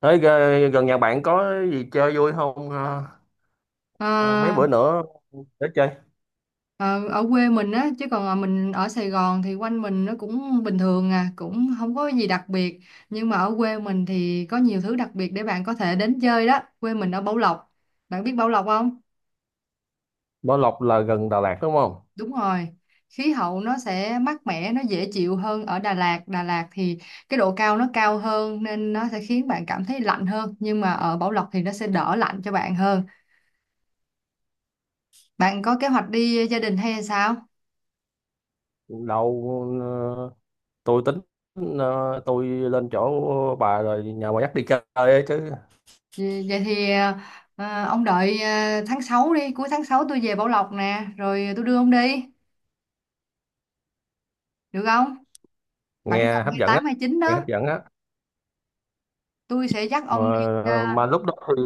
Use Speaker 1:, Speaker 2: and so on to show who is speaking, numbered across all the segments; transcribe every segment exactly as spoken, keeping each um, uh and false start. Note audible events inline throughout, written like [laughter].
Speaker 1: Thế g- gần nhà bạn có gì chơi vui không? Ờ, ờ, Mấy
Speaker 2: Ờ,
Speaker 1: bữa nữa để chơi.
Speaker 2: ờ, Ở quê mình á, chứ còn ờ, mình ở Sài Gòn thì quanh mình nó cũng bình thường, à, cũng không có gì đặc biệt. Nhưng mà ở quê mình thì có nhiều thứ đặc biệt để bạn có thể đến chơi đó. Quê mình ở Bảo Lộc. Bạn biết Bảo Lộc không?
Speaker 1: Bảo Lộc là gần Đà Lạt đúng không?
Speaker 2: Đúng rồi. Khí hậu nó sẽ mát mẻ, nó dễ chịu hơn ở Đà Lạt. Đà Lạt thì cái độ cao nó cao hơn nên nó sẽ khiến bạn cảm thấy lạnh hơn, nhưng mà ở Bảo Lộc thì nó sẽ đỡ lạnh cho bạn hơn. Bạn có kế hoạch đi gia đình hay sao?
Speaker 1: Đâu. ờ, tôi tính, ờ, tôi lên chỗ bà rồi nhà bà dắt đi chơi ấy chứ.
Speaker 2: Vậy vậy thì ờ, ông đợi ờ, tháng sáu đi, cuối tháng sáu tôi về Bảo Lộc nè, rồi tôi đưa ông đi, được không? Khoảng
Speaker 1: Nghe
Speaker 2: tầm
Speaker 1: hấp dẫn á,
Speaker 2: hai tám chín
Speaker 1: nghe
Speaker 2: đó,
Speaker 1: hấp dẫn á.
Speaker 2: tôi sẽ dắt
Speaker 1: Mà
Speaker 2: ông đi ra.
Speaker 1: ờ, mà lúc đó thì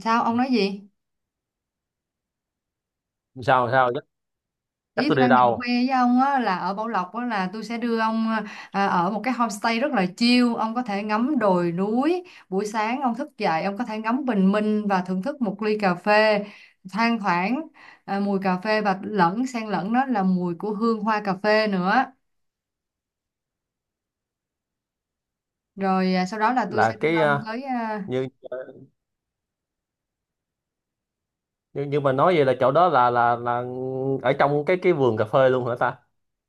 Speaker 2: Sao ông nói gì?
Speaker 1: sao sao dắt,
Speaker 2: Ý
Speaker 1: dắt tôi
Speaker 2: tôi
Speaker 1: đi
Speaker 2: đang định khoe
Speaker 1: đâu?
Speaker 2: với ông á, là ở Bảo Lộc á, là tôi sẽ đưa ông ờ, ở một cái homestay rất là chill, ông có thể ngắm đồi núi, buổi sáng ông thức dậy ông có thể ngắm bình minh và thưởng thức một ly cà phê thoang thoảng ờ, mùi cà phê và lẫn xen lẫn đó là mùi của hương hoa cà phê nữa. Rồi à, sau đó là tôi sẽ
Speaker 1: Là
Speaker 2: đưa
Speaker 1: cái,
Speaker 2: ông
Speaker 1: ờ,
Speaker 2: tới à,
Speaker 1: như như như mà nói vậy là chỗ đó là là là ở trong cái cái vườn cà phê luôn hả ta?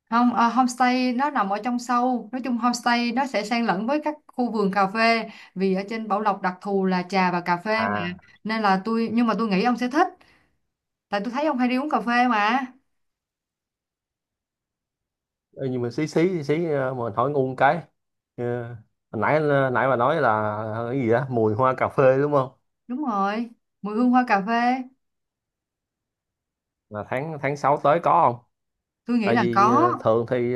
Speaker 2: không à, homestay nó nằm ở trong sâu. Nói chung homestay nó sẽ xen lẫn với các khu vườn cà phê, vì ở trên Bảo Lộc đặc thù là trà và cà phê mà, nên là tôi nhưng mà tôi nghĩ ông sẽ thích, tại tôi thấy ông hay đi uống cà phê mà.
Speaker 1: Ê, nhưng mà xí xí xí xí, ờ, mà hỏi ngu cái. Ờ, Hồi nãy nãy bà nói là, ờ, cái gì đó mùi hoa cà phê đúng không?
Speaker 2: Đúng rồi, mùi hương hoa cà phê.
Speaker 1: Là tháng tháng sáu tới có không?
Speaker 2: Tôi nghĩ
Speaker 1: Tại
Speaker 2: là
Speaker 1: vì
Speaker 2: có.
Speaker 1: ờ, thường thì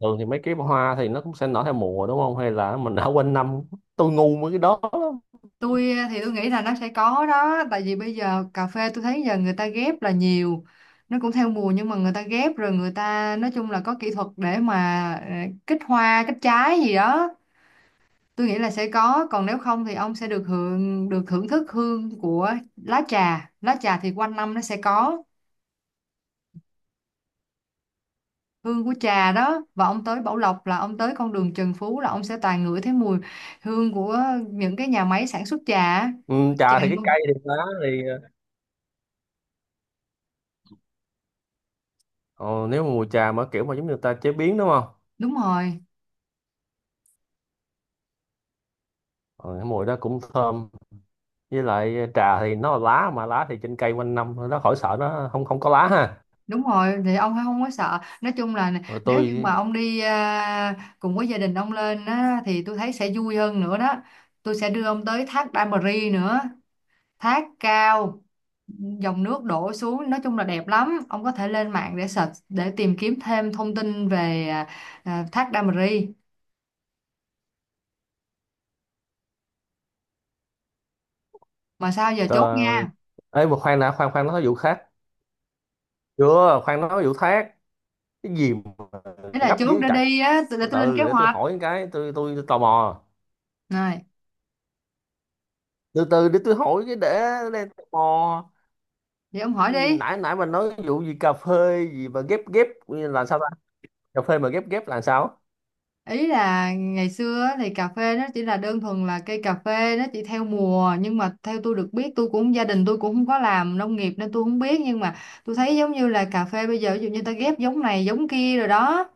Speaker 1: thường thì mấy cái hoa thì nó cũng sẽ nở theo mùa đúng không, hay là mình đã quên năm. Tôi ngu mấy cái đó lắm.
Speaker 2: tôi à, Thì tôi nghĩ là nó sẽ có đó, tại vì bây giờ cà phê tôi thấy giờ người ta ghép là nhiều, nó cũng theo mùa nhưng mà người ta ghép rồi, người ta nói chung là có kỹ thuật để mà ờ, kích hoa kích trái gì đó. Tôi nghĩ là sẽ có, còn nếu không thì ông sẽ được hưởng được thưởng thức hương của lá trà. Lá trà thì quanh năm nó sẽ có hương của trà đó, và ông tới Bảo Lộc là ông tới con đường Trần Phú là ông sẽ toàn ngửi thấy mùi hương của những cái nhà máy sản xuất trà á.
Speaker 1: Ừ,
Speaker 2: Trà
Speaker 1: trà thì cái
Speaker 2: luôn.
Speaker 1: cây thì lá thì, ờ, ờ, nếu mà mùi trà mà kiểu mà giống như người ta chế biến đúng không?
Speaker 2: Đúng rồi.
Speaker 1: ờ, cái mùi đó cũng thơm. Với lại ờ, trà thì nó là lá, mà lá thì trên cây quanh năm, nó khỏi sợ nó không không có lá ha.
Speaker 2: Đúng rồi thì ông không có sợ. Nói chung là
Speaker 1: Rồi
Speaker 2: nếu như mà
Speaker 1: tôi.
Speaker 2: ông đi à, cùng với gia đình ông lên á, thì tôi thấy sẽ vui hơn nữa đó. Tôi sẽ đưa ông tới thác Đa Mờ Ri nữa. Thác cao, dòng nước đổ xuống, nói chung là đẹp lắm. Ông có thể lên mạng để search, để tìm kiếm thêm thông tin về à, à, thác Đa Mờ Ri. Mà sao giờ chốt
Speaker 1: Trời
Speaker 2: nha,
Speaker 1: ơi, mà khoan đã, khoan khoan nói vụ khác. Chưa, khoan nói vụ khác. Cái gì mà
Speaker 2: thế là
Speaker 1: gấp
Speaker 2: chốt
Speaker 1: dữ
Speaker 2: để
Speaker 1: trời.
Speaker 2: đi á t- để
Speaker 1: Từ
Speaker 2: tôi lên kế
Speaker 1: từ để tôi
Speaker 2: hoạch
Speaker 1: hỏi cái, tôi tôi, tôi tò mò.
Speaker 2: này.
Speaker 1: Từ từ để tôi hỏi cái để để tò mò.
Speaker 2: Vậy ông
Speaker 1: Cái
Speaker 2: hỏi
Speaker 1: gì- mà
Speaker 2: đi.
Speaker 1: Nãy nãy mà nói vụ gì cà phê gì mà ghép ghép là sao ta? Cà phê mà ghép ghép là sao?
Speaker 2: Ý là ngày xưa á, thì cà phê nó chỉ là đơn thuần là cây cà phê, nó chỉ theo mùa, nhưng mà theo tôi được biết, tôi cũng gia đình tôi cũng không có làm nông nghiệp nên tôi không biết, nhưng mà tôi thấy giống như là cà phê bây giờ ví dụ như ta ghép giống này giống kia rồi đó.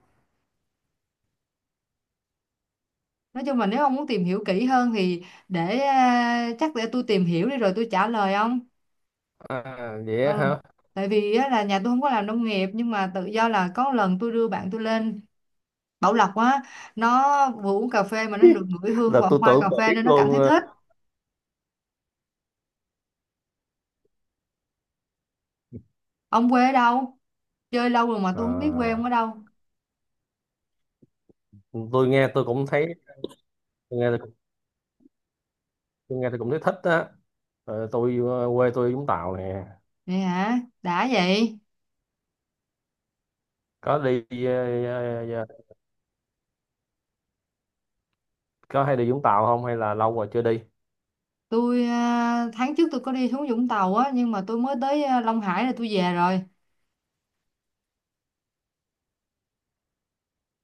Speaker 2: Nói chung là nếu ông muốn tìm hiểu kỹ hơn thì để à, chắc để tôi tìm hiểu đi rồi tôi trả lời ông.
Speaker 1: À, vậy á
Speaker 2: Ừ.
Speaker 1: hả?
Speaker 2: Tại vì á, là nhà tôi không có làm nông nghiệp, nhưng mà tự do là có lần tôi đưa bạn tôi lên Bảo Lộc á, nó vừa uống cà phê mà nó được
Speaker 1: [laughs]
Speaker 2: ngửi hương
Speaker 1: Là
Speaker 2: và
Speaker 1: tôi
Speaker 2: hoa cà
Speaker 1: tưởng bà
Speaker 2: phê
Speaker 1: biết
Speaker 2: nên nó cảm
Speaker 1: luôn.
Speaker 2: thấy
Speaker 1: Ờ.
Speaker 2: thích. Ông quê ở đâu? Chơi lâu rồi mà tôi không biết quê ông ở đâu.
Speaker 1: À, tôi nghe tôi cũng thấy tôi nghe tôi nghe tôi cũng thấy thích á. Ờ, tôi ờ, quê tôi Vũng Tàu nè.
Speaker 2: Vậy hả? Đã vậy.
Speaker 1: có đi ờ, ờ, có hay đi Vũng Tàu không hay là lâu rồi chưa đi?
Speaker 2: Tôi à, tháng trước tôi có đi xuống Vũng Tàu á, nhưng mà tôi mới tới à, Long Hải là tôi về rồi.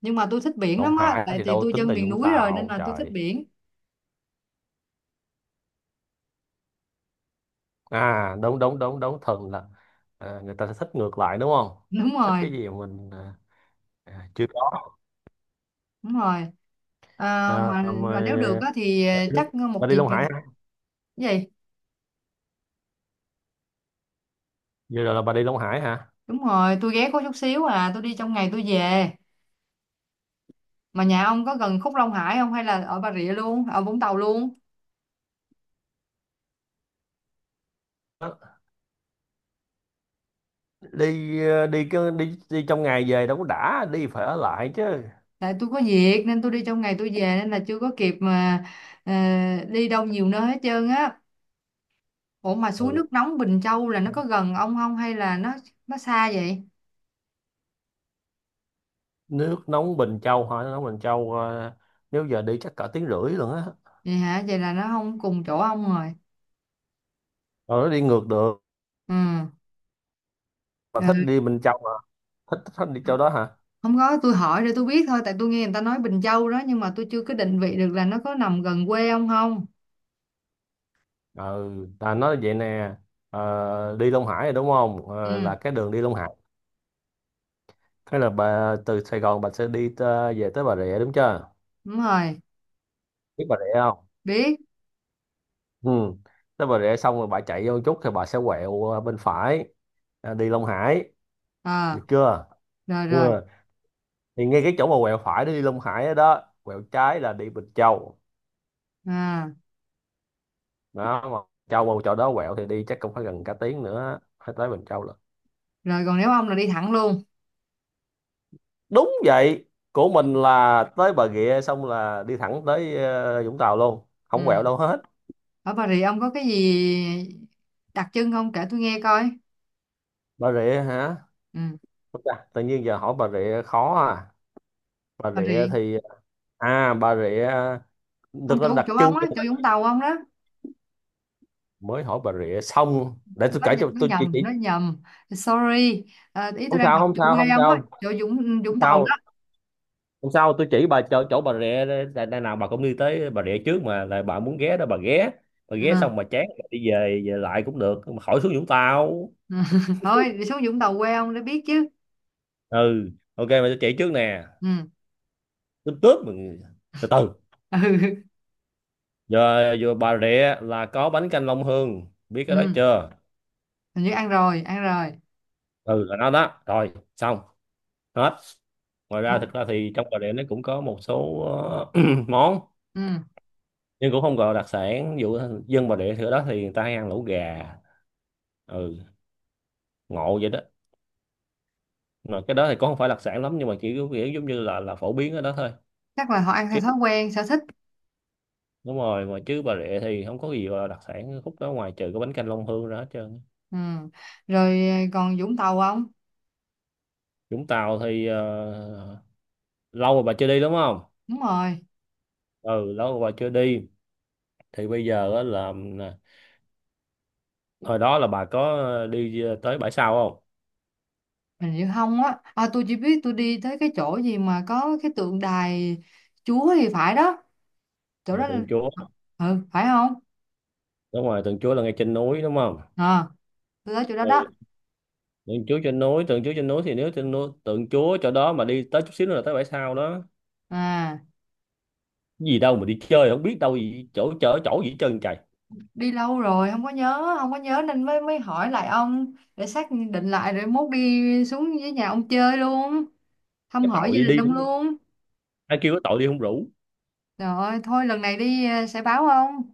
Speaker 2: Nhưng mà tôi thích biển
Speaker 1: Đồng
Speaker 2: lắm á,
Speaker 1: Hải
Speaker 2: tại
Speaker 1: thì
Speaker 2: vì
Speaker 1: đâu
Speaker 2: tôi
Speaker 1: tính
Speaker 2: dân
Speaker 1: là
Speaker 2: miền
Speaker 1: Vũng
Speaker 2: núi rồi nên
Speaker 1: Tàu
Speaker 2: là tôi thích
Speaker 1: trời.
Speaker 2: biển.
Speaker 1: À, đúng đúng đúng đúng, thường là. À, người ta sẽ thích ngược lại đúng không?
Speaker 2: Đúng
Speaker 1: Thích
Speaker 2: rồi,
Speaker 1: cái gì mà mình, à, à, chưa có.
Speaker 2: đúng rồi. à,
Speaker 1: À,
Speaker 2: mà mà nếu được
Speaker 1: mà
Speaker 2: á thì ờ,
Speaker 1: bà đi,
Speaker 2: chắc một
Speaker 1: bà đi
Speaker 2: dịp
Speaker 1: Long
Speaker 2: cái
Speaker 1: Hải hả?
Speaker 2: gì.
Speaker 1: Vừa rồi là bà đi Long Hải hả?
Speaker 2: Đúng rồi, tôi ghé có chút xíu à, tôi đi trong ngày tôi về. Mà nhà ông có gần Khúc Long Hải không, hay là ở Bà Rịa luôn, ở Vũng Tàu luôn?
Speaker 1: Đó. đi ờ, đi cứ đi đi trong ngày về đâu có đã, đi phải ở lại chứ.
Speaker 2: Tại tôi có việc nên tôi đi trong ngày tôi về nên là chưa có kịp mà ờ, đi đâu nhiều nơi hết trơn á. Ủa mà suối
Speaker 1: Ừ.
Speaker 2: nước nóng Bình Châu là nó có gần ông không, hay là nó nó xa vậy?
Speaker 1: Nước nóng Bình Châu hả? Nước nóng Bình Châu, ờ, nếu giờ đi chắc cả tiếng rưỡi luôn á.
Speaker 2: Vậy hả? Vậy là nó không cùng chỗ ông rồi.
Speaker 1: Rồi nó đi ngược được.
Speaker 2: Ừ.
Speaker 1: Mà thích
Speaker 2: Ừ.
Speaker 1: đi Bình Châu mà. Thích thích đi chỗ đó hả?
Speaker 2: Không có, tôi hỏi để tôi biết thôi, tại tôi nghe người ta nói Bình Châu đó, nhưng mà tôi chưa có định vị được là nó có nằm gần quê ông không?
Speaker 1: Ừ, ta nói vậy nè. Ờ, đi Long Hải rồi đúng không? Ờ,
Speaker 2: Ừ,
Speaker 1: là cái đường đi Long Hải. Cái là bà từ Sài Gòn bà sẽ đi tơ- về tới Bà Rịa đúng chưa?
Speaker 2: đúng rồi,
Speaker 1: Biết Bà Rịa không?
Speaker 2: biết.
Speaker 1: Ừ, tới Bà Rịa xong rồi bà chạy vô một chút thì bà sẽ quẹo ờ, bên phải. Ờ, đi Long Hải.
Speaker 2: À,
Speaker 1: Được chưa?
Speaker 2: rồi
Speaker 1: Ừ.
Speaker 2: rồi.
Speaker 1: Thì ngay cái chỗ mà quẹo phải để đi Long Hải đó, đó quẹo trái là đi Bình Châu.
Speaker 2: À,
Speaker 1: Đó mà. Châu mà chỗ đó quẹo thì đi chắc cũng phải gần cả tiếng nữa, phải tới Bình Châu lận.
Speaker 2: rồi còn nếu ông là đi thẳng luôn.
Speaker 1: Đúng vậy. Của mình là tới Bà Rịa xong là đi thẳng tới ờ, Vũng Tàu luôn, không quẹo
Speaker 2: Ừ.
Speaker 1: đâu hết.
Speaker 2: Ở Bà Rịa ông có cái gì đặc trưng không? Kể tôi nghe coi.
Speaker 1: Bà Rịa hả?
Speaker 2: Ừ.
Speaker 1: Ôi chà, tự nhiên giờ hỏi Bà Rịa khó à. Bà
Speaker 2: Bà
Speaker 1: Rịa
Speaker 2: Rịa,
Speaker 1: thì. À, Bà Rịa.
Speaker 2: không,
Speaker 1: Thực ra
Speaker 2: chỗ chỗ
Speaker 1: đặc trưng
Speaker 2: ông á,
Speaker 1: cho
Speaker 2: chỗ
Speaker 1: mình.
Speaker 2: Vũng Tàu ông đó.
Speaker 1: Mới hỏi Bà Rịa xong, để tôi
Speaker 2: Nó,
Speaker 1: kể
Speaker 2: nh-
Speaker 1: cho,
Speaker 2: nó
Speaker 1: tôi chỉ,
Speaker 2: nhầm, nó
Speaker 1: chỉ
Speaker 2: nhầm. Sorry. À, ý tôi
Speaker 1: Không
Speaker 2: đang
Speaker 1: sao,
Speaker 2: học
Speaker 1: không
Speaker 2: chỗ
Speaker 1: sao,
Speaker 2: quê
Speaker 1: không
Speaker 2: ông á,
Speaker 1: sao.
Speaker 2: chỗ Vũng
Speaker 1: Không
Speaker 2: Vũng Tàu
Speaker 1: sao.
Speaker 2: đó.
Speaker 1: Không sao, tôi chỉ bà chỗ chỗ Bà Rịa đây, đây nào bà cũng đi tới Bà Rịa trước mà, là bà muốn ghé đó bà ghé. Bà ghé
Speaker 2: Ừ.
Speaker 1: xong bà chán rồi đi về, về lại cũng được mà, khỏi xuống Vũng Tàu.
Speaker 2: Ừ. [laughs] Thôi, đi xuống Vũng Tàu quê ông để biết chứ.
Speaker 1: Ừ, ok mà tôi chỉ trước nè.
Speaker 2: Ừ.
Speaker 1: Tướp tướp mọi người. Từ từ.
Speaker 2: Ừ.
Speaker 1: Giờ vừa Bà Rịa là có bánh canh Long Hương, biết cái đó
Speaker 2: Ừ,
Speaker 1: chưa?
Speaker 2: hình như ăn rồi, ăn rồi.
Speaker 1: Ừ, là nó đó rồi xong. Hết. Ngoài ra
Speaker 2: Ngũ-
Speaker 1: thực ra thì trong Bà Rịa nó cũng có một số ờ, [clears throat] món.
Speaker 2: ừ,
Speaker 1: Nhưng cũng không gọi là đặc sản, ví dụ. Dân Bà Rịa thì ở đó thì người ta hay ăn lẩu gà. Ừ. Ngộ vậy đó. Mà cái đó thì cũng không phải đặc sản lắm, nhưng mà chỉ có kiểu giống như là là phổ biến ở đó thôi.
Speaker 2: chắc là họ ăn theo
Speaker 1: Chứ.
Speaker 2: thói quen sở thích.
Speaker 1: Đúng rồi mà, chứ Bà Rịa thì không có gì gọi là đặc sản khúc đó, ngoài trừ cái bánh canh Long Hương ra hết trơn.
Speaker 2: Ừ, rồi ờ, còn Vũng Tàu không?
Speaker 1: Vũng Tàu thì ờ, lâu rồi bà chưa đi đúng không?
Speaker 2: Đúng rồi.
Speaker 1: Ừ, lâu bà chưa đi. Thì bây giờ á là, à, hồi đó là bà có đi à, tới bãi sau không?
Speaker 2: Hình như không á, à, tôi chỉ biết tôi đi tới cái chỗ gì mà có cái tượng đài Chúa thì phải đó. Chỗ
Speaker 1: Ờ,
Speaker 2: đó là-
Speaker 1: Tượng Chúa.
Speaker 2: ờ, ừ, phải không?
Speaker 1: Đúng rồi, tượng Chúa là ngay trên núi đúng không?
Speaker 2: À, tôi tới chỗ đó đó.
Speaker 1: Ừ. tượng Chúa trên núi tượng Chúa trên núi thì nếu trên núi tượng Chúa chỗ đó mà đi tới chút xíu nữa là tới bãi sau đó.
Speaker 2: À,
Speaker 1: Gì đâu mà đi chơi không biết đâu, gì chỗ chỗ chỗ gì hết trơn trời.
Speaker 2: đi lâu rồi không có nhớ không có nhớ nên mới mới hỏi lại ông để xác định lại rồi mốt đi xuống với nhà ông chơi luôn, thăm
Speaker 1: Cái
Speaker 2: hỏi gia
Speaker 1: tội
Speaker 2: đình
Speaker 1: đi.
Speaker 2: ông luôn.
Speaker 1: Ai kêu cái tội đi không rủ.
Speaker 2: Rồi thôi lần này đi ờ, sẽ báo không?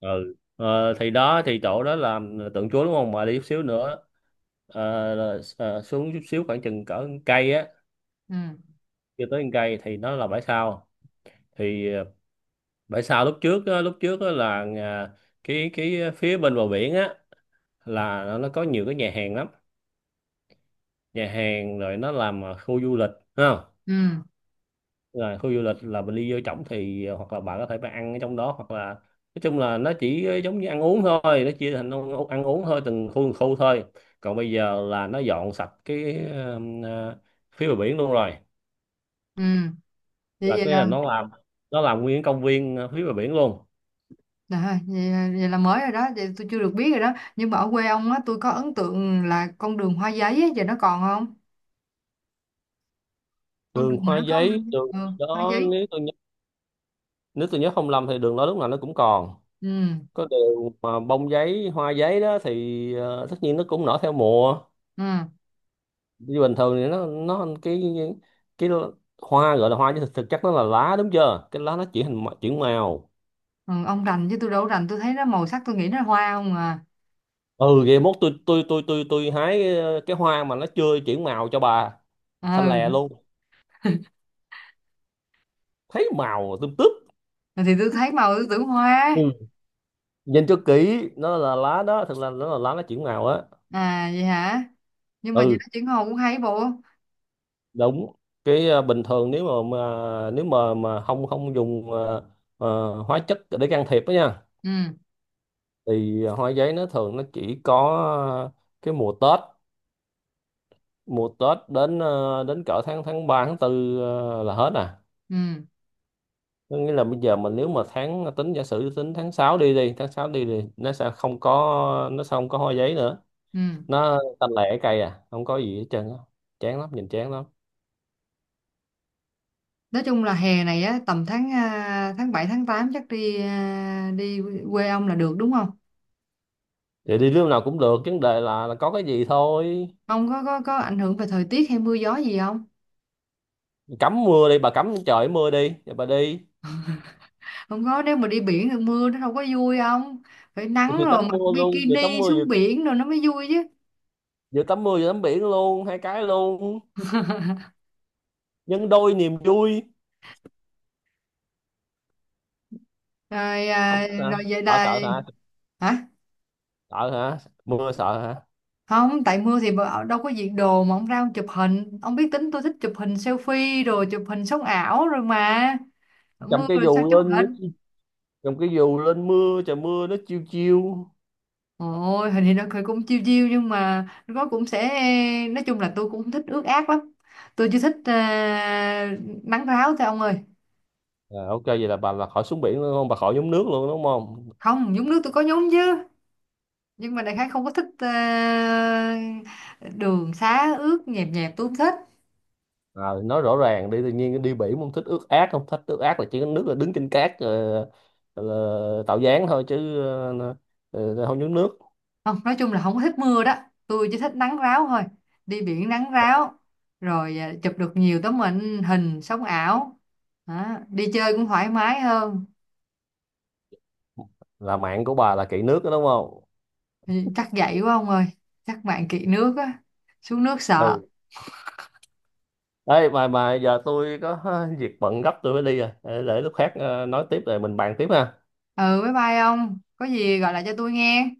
Speaker 1: Ừ, ờ, thì đó thì chỗ đó là, à, tượng Chúa đúng không, mà đi chút xíu nữa. Ờ, là- ờ, xuống chút xíu khoảng chừng cỡ một cây á,
Speaker 2: Ừ,
Speaker 1: chưa tới một cây thì nó là bãi sau. Thì à, Bởi sao lúc trước á, lúc trước á là, à, cái cái phía bên bờ biển á, là nó nó có nhiều cái nhà hàng lắm. Nhà hàng rồi nó làm à, khu du lịch. Thấy không?
Speaker 2: ừ,
Speaker 1: Là khu du lịch là mình đi vô trỏng thì, à, hoặc là bạn có thể bạn ăn ở trong đó, hoặc là. Nói chung là nó chỉ giống như ăn uống thôi, nó chia thành ăn, ăn uống thôi, từng khu từng khu thôi. Còn bây giờ là nó dọn sạch cái ờ, ờ, phía bờ biển luôn rồi.
Speaker 2: ừ. Vậy,
Speaker 1: Là
Speaker 2: vậy
Speaker 1: cái
Speaker 2: là,
Speaker 1: là, nó làm nó làm nguyên công viên ờ, phía bờ biển luôn.
Speaker 2: trời ơi, vậy, vậy là mới rồi đó, vậy tôi chưa được biết rồi đó. Nhưng mà ở quê ông á, tôi có ấn tượng là con đường hoa giấy á, giờ nó còn không? Con
Speaker 1: Đường
Speaker 2: đường mà
Speaker 1: hoa
Speaker 2: nó có hoa,
Speaker 1: giấy, đường
Speaker 2: ừ, hoa
Speaker 1: đó,
Speaker 2: giấy.
Speaker 1: nếu tôi nếu tôi nhớ không lầm thì đường đó lúc nào nó cũng còn.
Speaker 2: Ừ,
Speaker 1: Có điều mà bông giấy, hoa giấy đó thì, ờ, tất nhiên nó cũng nở theo mùa.
Speaker 2: ừ,
Speaker 1: Như bình thường thì nó nó cái cái hoa gọi là hoa chứ thực, thực chất nó là lá đúng chưa, cái lá nó chuyển hình chuyển màu.
Speaker 2: ừ, ông rành chứ tôi đâu có rành, tôi thấy nó màu sắc tôi nghĩ nó hoa không à.
Speaker 1: Ừ, vậy mốt tôi tôi tôi tôi tôi hái cái, cái hoa mà nó chưa chuyển màu cho bà, xanh
Speaker 2: Ừ,
Speaker 1: lè luôn, thấy màu tươm tướp.
Speaker 2: thì tôi thấy màu tôi tưởng hoa.
Speaker 1: Ừ. Nhìn cho kỹ nó là lá đó, thật là nó là lá, nó chuyển màu á.
Speaker 2: À vậy hả? Nhưng mà giờ
Speaker 1: Ừ,
Speaker 2: nó chuyển màu cũng hay bộ.
Speaker 1: đúng. Cái, ờ, bình thường nếu mà, mà nếu mà mà không không dùng ờ, ờ, hóa chất để can thiệp đó nha,
Speaker 2: Ừ,
Speaker 1: thì hoa giấy nó thường nó chỉ có ờ, cái mùa Tết. Mùa Tết đến ờ, đến cỡ tháng tháng ba tháng tư, ờ, là hết à.
Speaker 2: ừ,
Speaker 1: Có nghĩa là bây giờ mình, nếu mà tháng tính giả sử tính tháng sáu đi đi tháng sáu đi, thì nó sẽ không có nó sẽ không có hoa giấy nữa.
Speaker 2: ừ.
Speaker 1: Nó tanh lẻ cây à, không có gì hết trơn á. Chán lắm, nhìn chán lắm.
Speaker 2: Nói chung là hè này á tầm tháng à, tháng bảy tháng tám chắc đi à, đi quê ông là được đúng không?
Speaker 1: Thì đi lúc nào cũng được, vấn đề là là có cái gì thôi.
Speaker 2: Ông có có có ảnh hưởng về thời tiết hay mưa gió gì không?
Speaker 1: Cấm mưa đi bà, cấm trời mưa đi rồi bà đi.
Speaker 2: Không có, nếu mà đi biển thì mưa nó đâu có vui không? Phải nắng
Speaker 1: Vừa
Speaker 2: rồi
Speaker 1: tắm
Speaker 2: mặc
Speaker 1: mưa luôn, vừa tắm
Speaker 2: bikini
Speaker 1: mưa vừa,
Speaker 2: xuống biển rồi nó mới vui chứ.
Speaker 1: vừa tắm mưa vừa tắm biển luôn, hai cái luôn. Nhân đôi niềm vui.
Speaker 2: Rồi
Speaker 1: Không
Speaker 2: à,
Speaker 1: thích hả?
Speaker 2: rồi vậy
Speaker 1: sợ
Speaker 2: là.
Speaker 1: sợ hả?
Speaker 2: Hả?
Speaker 1: Sợ hả? Mưa sợ hả?
Speaker 2: Không, tại mưa thì bà- đâu có diện đồ mà ông ra ông chụp hình. Ông biết tính tôi thích chụp hình selfie rồi chụp hình sống ảo rồi mà,
Speaker 1: Cầm
Speaker 2: mưa
Speaker 1: cái
Speaker 2: rồi sao
Speaker 1: dù
Speaker 2: chụp?
Speaker 1: lên. Cầm cái dù lên, mưa, trời mưa nó chiêu chiêu.
Speaker 2: Ôi, hình thì nó cười cũng chiêu chiêu nhưng mà nó cũng sẽ, nói chung là tôi cũng thích ướt át lắm. Tôi chưa thích ờ, nắng ráo thôi ông ơi.
Speaker 1: À, ok vậy là bà là khỏi xuống biển luôn không, bà khỏi nhúng nước luôn đúng không?
Speaker 2: Không, nhúng nước tôi có nhúng chứ. Nhưng mà đại khái không có thích ờ, đường xá ướt nhẹp nhẹp tôi không thích.
Speaker 1: À, nói rõ ràng đi, tự nhiên đi biển không thích ướt át không thích ướt át là chỉ có nước, là đứng trên cát, ờ, là tạo dáng thôi chứ, ờ, ờ, không nhúng nước.
Speaker 2: Không, nói chung là không có thích mưa đó. Tôi chỉ thích nắng ráo thôi. Đi biển nắng ráo rồi ờ, chụp được nhiều tấm hình hình sống ảo. Đó, đi chơi cũng thoải mái hơn.
Speaker 1: Là mạng của bà là kỹ nước đó đúng không?
Speaker 2: Thì chắc vậy quá ông ơi. Chắc bạn kỵ nước á. Xuống nước sợ.
Speaker 1: Ừ. Ê, mà mà giờ tôi có [laughs] việc bận gấp, tôi phải đi rồi, để, để lúc khác ờ, nói tiếp rồi mình bàn tiếp ha.
Speaker 2: Ừ, bye bye ông. Có gì gọi lại cho tôi nghe.